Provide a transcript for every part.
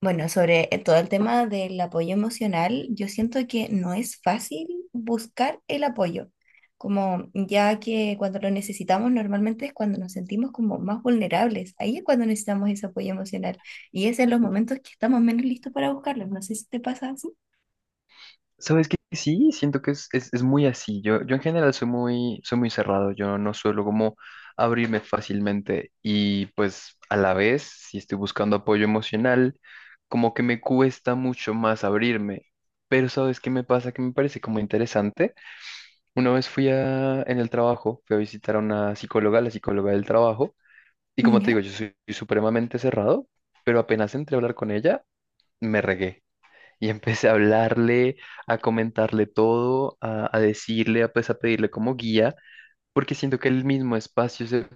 Bueno, sobre todo el tema del apoyo emocional, yo siento que no es fácil buscar el apoyo, como ya que cuando lo necesitamos normalmente es cuando nos sentimos como más vulnerables, ahí es cuando necesitamos ese apoyo emocional y es en los momentos que estamos menos listos para buscarlo, no sé si te pasa así. Sabes que sí, siento que es muy así. Yo en general soy soy muy cerrado. Yo no suelo como abrirme fácilmente. Y pues a la vez, si estoy buscando apoyo emocional, como que me cuesta mucho más abrirme. Pero ¿sabes qué me pasa? Que me parece como interesante. Una vez en el trabajo, fui a visitar a una psicóloga, la psicóloga del trabajo. Y como te ¿Ya? digo, yo soy supremamente cerrado, pero apenas entré a hablar con ella, me regué. Y empecé a hablarle, a comentarle todo, a decirle, a, pues a pedirle como guía, porque siento que el mismo espacio se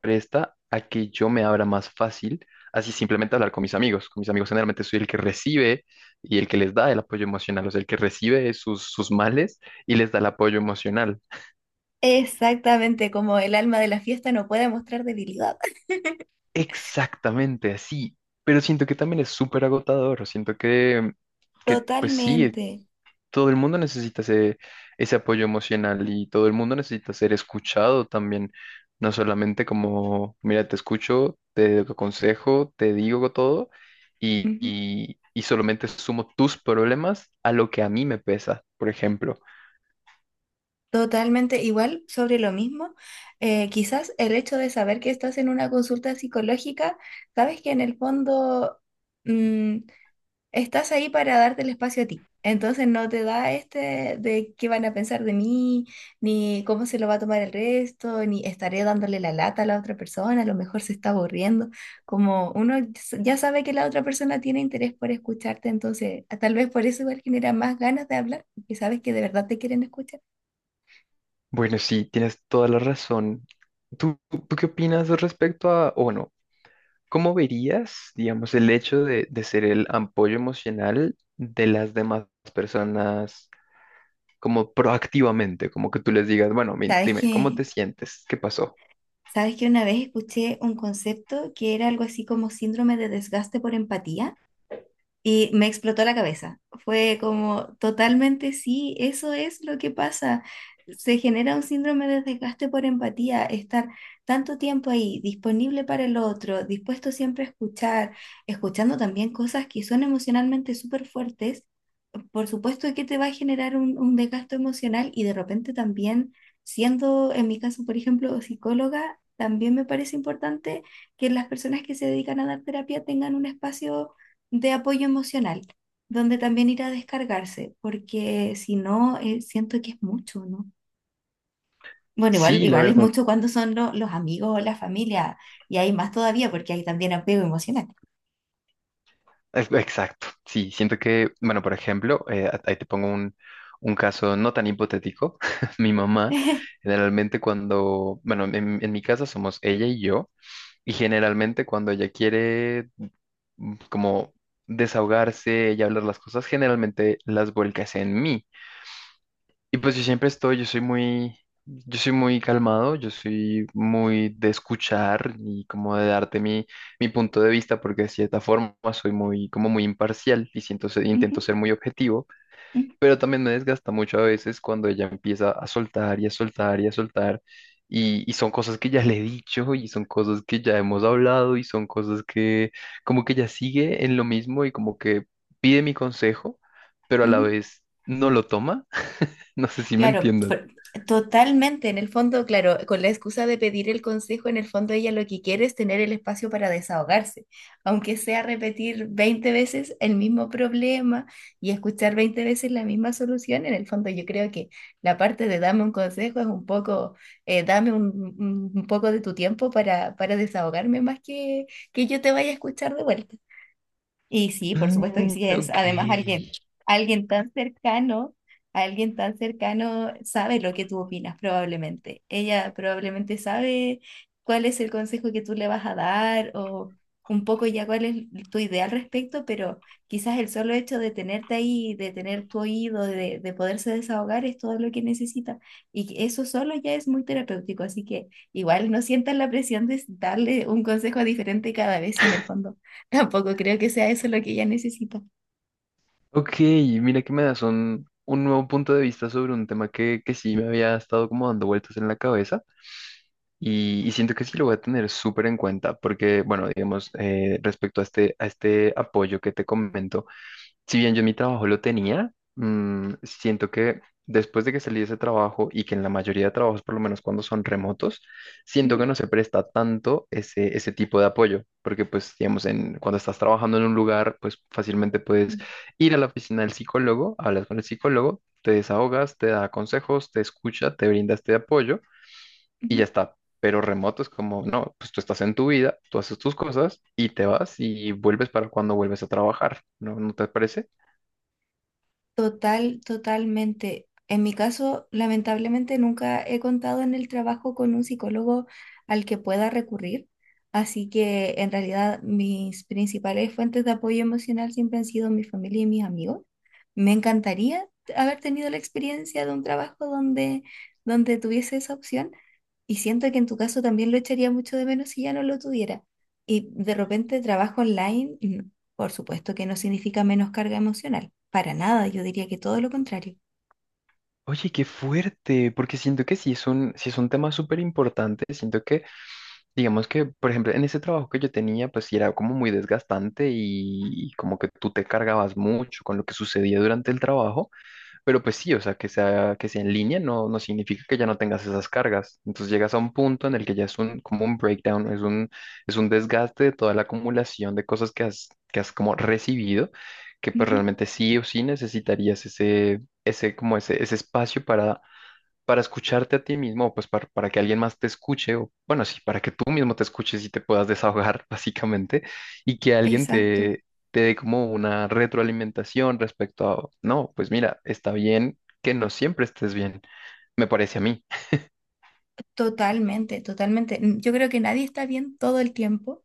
presta a que yo me abra más fácil, así simplemente hablar con mis amigos. Con mis amigos generalmente soy el que recibe y el que les da el apoyo emocional, o sea, el que recibe sus males y les da el apoyo emocional. Exactamente, como el alma de la fiesta no puede mostrar debilidad. Exactamente así, pero siento que también es súper agotador, siento que pues sí, Totalmente. todo el mundo necesita ese apoyo emocional y todo el mundo necesita ser escuchado también, no solamente como, mira, te escucho, te aconsejo, te digo todo y solamente sumo tus problemas a lo que a mí me pesa, por ejemplo. Totalmente igual sobre lo mismo. Quizás el hecho de saber que estás en una consulta psicológica, sabes que en el fondo mm, estás ahí para darte el espacio a ti. Entonces no te da este de qué van a pensar de mí, ni cómo se lo va a tomar el resto, ni estaré dándole la lata a la otra persona, a lo mejor se está aburriendo. Ya sabe que la otra persona tiene interés por escucharte, entonces tal vez por eso igual genera más ganas de hablar, porque sabes que de verdad te quieren escuchar. Bueno, sí, tienes toda la razón. ¿Tú qué opinas respecto a, o bueno, cómo verías, digamos, el hecho de ser el apoyo emocional de las demás personas? Como proactivamente, como que tú les digas, bueno, Sabes dime, ¿cómo que te sientes? ¿Qué pasó? Sabes que una vez escuché un concepto que era algo así como síndrome de desgaste por empatía. Y me explotó la cabeza. Fue como totalmente sí, eso es lo que pasa. Se genera un síndrome de desgaste por empatía, estar tanto tiempo ahí, disponible para el otro, dispuesto siempre a escuchar, escuchando también cosas que son emocionalmente súper fuertes. Por supuesto que te va a generar un desgaste emocional y de repente también, siendo en mi caso, por ejemplo, psicóloga, también me parece importante que las personas que se dedican a dar terapia tengan un espacio de apoyo emocional, donde también ir a descargarse, porque si no, siento que es mucho, ¿no? Bueno, igual, Sí, la igual es verdad, mucho cuando son los amigos o la familia, y hay más todavía porque hay también apego emocional. es- exacto. Sí, siento que, bueno, por ejemplo, a- ahí te pongo un caso no tan hipotético. Mi mamá, generalmente cuando, bueno, en mi casa somos ella y yo, y generalmente cuando ella quiere como desahogarse y hablar las cosas, generalmente las vuelcas en mí. Y pues yo siempre estoy, yo soy yo soy muy calmado, yo soy muy de escuchar y como de darte mi punto de vista, porque de cierta forma soy muy, como muy imparcial y siento Ujú, intento ser muy objetivo, ujú, pero también me desgasta mucho a veces cuando ella empieza a soltar y a soltar y a soltar. Y son cosas que ya le he dicho y son cosas que ya hemos hablado y son cosas que como que ya sigue en lo mismo y como que pide mi consejo, pero a la ujú. vez no lo toma. No sé si me Claro, entiendas. Totalmente. En el fondo, claro, con la excusa de pedir el consejo, en el fondo ella lo que quiere es tener el espacio para desahogarse, aunque sea repetir 20 veces el mismo problema y escuchar 20 veces la misma solución. En el fondo, yo creo que la parte de dame un consejo es un poco, dame un poco de tu tiempo para desahogarme más que yo te vaya a escuchar de vuelta. Y sí, por supuesto que Mm, sí es. ok. Además, alguien tan cercano, alguien tan cercano sabe lo que tú opinas, probablemente. Ella probablemente sabe cuál es el consejo que tú le vas a dar o un poco ya cuál es tu idea al respecto, pero quizás el solo hecho de tenerte ahí, de tener tu oído, de poderse desahogar es todo lo que necesita. Y que eso solo ya es muy terapéutico, así que igual no sientas la presión de darle un consejo diferente cada vez y en el fondo. Tampoco creo que sea eso lo que ella necesita. Ok, mira que me das un nuevo punto de vista sobre un tema que sí me había estado como dando vueltas en la cabeza y siento que sí lo voy a tener súper en cuenta porque, bueno, digamos, respecto a a este apoyo que te comento. Si bien yo mi trabajo lo tenía, mm, siento que después de que salí de ese trabajo y que en la mayoría de trabajos, por lo menos cuando son remotos, siento que Ujú, no se presta tanto ese tipo de apoyo, porque pues, digamos, cuando estás trabajando en un lugar, pues fácilmente puedes ir a la oficina del psicólogo, hablas con el psicólogo, te desahogas, te da consejos, te escucha, te brinda este apoyo y ujú. ya está. Pero remoto es como, no, pues tú estás en tu vida, tú haces tus cosas y te vas y vuelves para cuando vuelves a trabajar, ¿no? ¿No te parece? Total, totalmente. En mi caso, lamentablemente nunca he contado en el trabajo con un psicólogo al que pueda recurrir, así que en realidad mis principales fuentes de apoyo emocional siempre han sido mi familia y mis amigos. Me encantaría haber tenido la experiencia de un trabajo donde, donde tuviese esa opción y siento que en tu caso también lo echaría mucho de menos si ya no lo tuviera. Y de repente trabajo online. Por supuesto que no significa menos carga emocional. Para nada, yo diría que todo lo contrario. Oye, qué fuerte, porque siento que sí es sí es un tema súper importante. Siento digamos que, por ejemplo, en ese trabajo que yo tenía, pues sí era como muy desgastante y como que tú te cargabas mucho con lo que sucedía durante el trabajo, pero pues sí, o sea, que sea en línea no significa que ya no tengas esas cargas. Entonces llegas a un punto en el que ya es un, como un breakdown, es es un desgaste de toda la acumulación de cosas que que has como recibido, que pues Ujú, realmente sí o sí necesitarías ese espacio para escucharte a ti mismo, pues para que alguien más te escuche, o bueno, sí, para que tú mismo te escuches y te puedas desahogar, básicamente, y que alguien exacto, te dé como una retroalimentación respecto a, no, pues mira, está bien que no siempre estés bien, me parece a mí. totalmente, totalmente. Yo creo que nadie está bien todo el tiempo.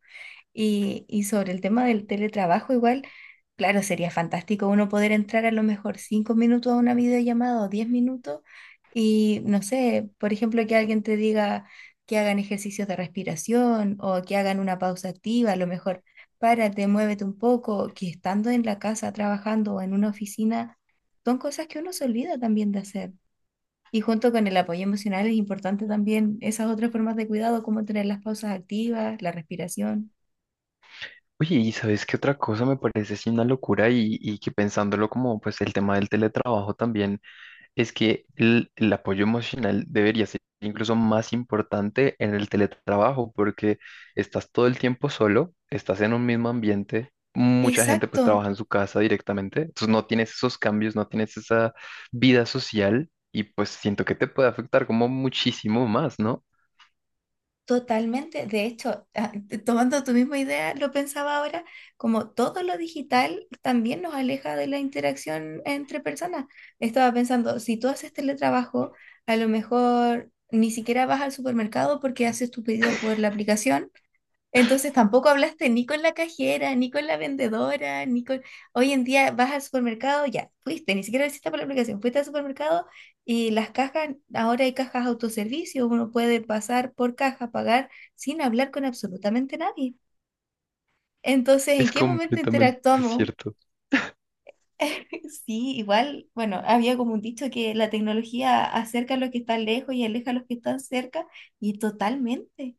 Y sobre el tema del teletrabajo, igual, claro, sería fantástico uno poder entrar a lo mejor 5 minutos a una videollamada o 10 minutos y, no sé, por ejemplo, que alguien te diga que hagan ejercicios de respiración o que hagan una pausa activa, a lo mejor párate, muévete un poco, que estando en la casa trabajando o en una oficina, son cosas que uno se olvida también de hacer. Y junto con el apoyo emocional es importante también esas otras formas de cuidado, como tener las pausas activas, la respiración. Oye, y sabes qué otra cosa me parece así una locura y que pensándolo como pues el tema del teletrabajo también es que el apoyo emocional debería ser incluso más importante en el teletrabajo porque estás todo el tiempo solo, estás en un mismo ambiente, mucha gente Exacto, pues trabaja en su casa directamente, entonces no tienes esos cambios, no tienes esa vida social y pues siento que te puede afectar como muchísimo más, ¿no? totalmente. De hecho, ah, tomando tu misma idea, lo pensaba ahora, como todo lo digital también nos aleja de la interacción entre personas. Estaba pensando, si tú haces teletrabajo, a lo mejor ni siquiera vas al supermercado porque haces tu pedido por la aplicación. Entonces tampoco hablaste ni con la cajera, ni con la vendedora, ni con... Hoy en día vas al supermercado, ya, fuiste, ni siquiera lo hiciste por la aplicación, fuiste al supermercado y las cajas, ahora hay cajas autoservicio, uno puede pasar por caja, pagar sin hablar con absolutamente nadie. Entonces, ¿en Es qué momento completamente interactuamos? cierto. Sí, igual, bueno, había como un dicho que la tecnología acerca a los que están lejos y aleja a los que están cerca, y totalmente.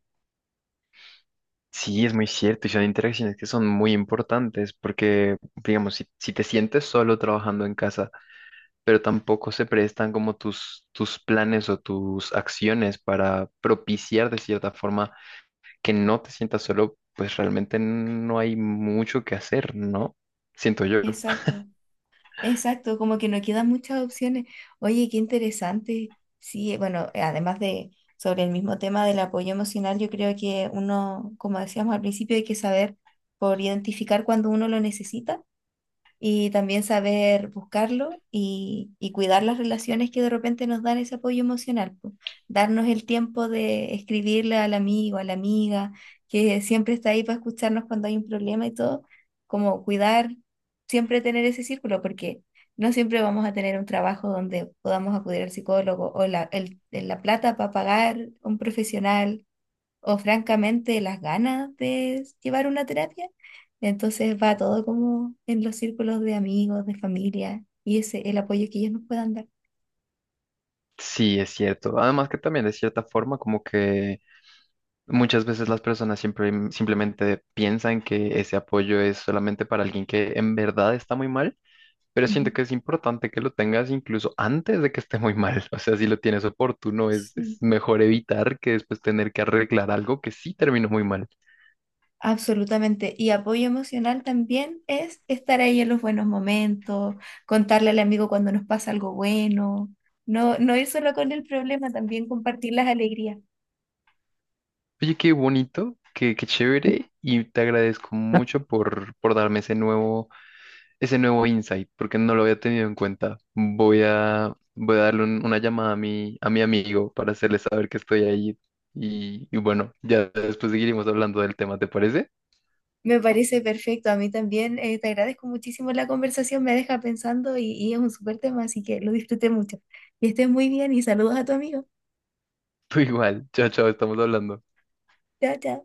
Sí, es muy cierto, y son interacciones que son muy importantes porque, digamos, si te sientes solo trabajando en casa, pero tampoco se prestan como tus planes o tus acciones para propiciar de cierta forma que no te sientas solo, pues realmente no hay mucho que hacer, ¿no? Siento yo. Exacto. Exacto, como que no quedan muchas opciones. Oye, qué interesante. Sí, bueno, además de sobre el mismo tema del apoyo emocional, yo creo que uno, como decíamos al principio, hay que saber por identificar cuando uno lo necesita y también saber buscarlo y cuidar las relaciones que de repente nos dan ese apoyo emocional, po. Darnos el tiempo de escribirle al amigo, a la amiga, que siempre está ahí para escucharnos cuando hay un problema y todo, como cuidar, siempre tener ese círculo, porque no siempre vamos a tener un trabajo donde podamos acudir al psicólogo o la plata para pagar un profesional o francamente las ganas de llevar una terapia. Entonces va todo como en los círculos de amigos, de familia y ese el apoyo que ellos nos puedan dar. Sí, es cierto. Además que también de cierta forma como que muchas veces las personas siempre simplemente piensan que ese apoyo es solamente para alguien que en verdad está muy mal. Pero Ujú. siento que es importante que lo tengas incluso antes de que esté muy mal. O sea, si lo tienes oportuno, es Sí, mejor evitar que después tener que arreglar algo que sí terminó muy mal. absolutamente. Y apoyo emocional también es estar ahí en los buenos momentos, contarle al amigo cuando nos pasa algo bueno, no ir solo con el problema, también compartir las alegrías. Oye, qué bonito, qué chévere y te agradezco mucho por darme ese nuevo insight, porque no lo había tenido en cuenta. Voy a darle una llamada a mi amigo para hacerle saber que estoy ahí. Y bueno, ya después seguiremos hablando del tema, ¿te parece? Me parece perfecto. A mí también te agradezco muchísimo la conversación, me deja pensando y es un súper tema, así que lo disfruté mucho. Y estés muy bien y saludos a tu amigo. Tú igual. Chao, chao, estamos hablando. Chao, chao.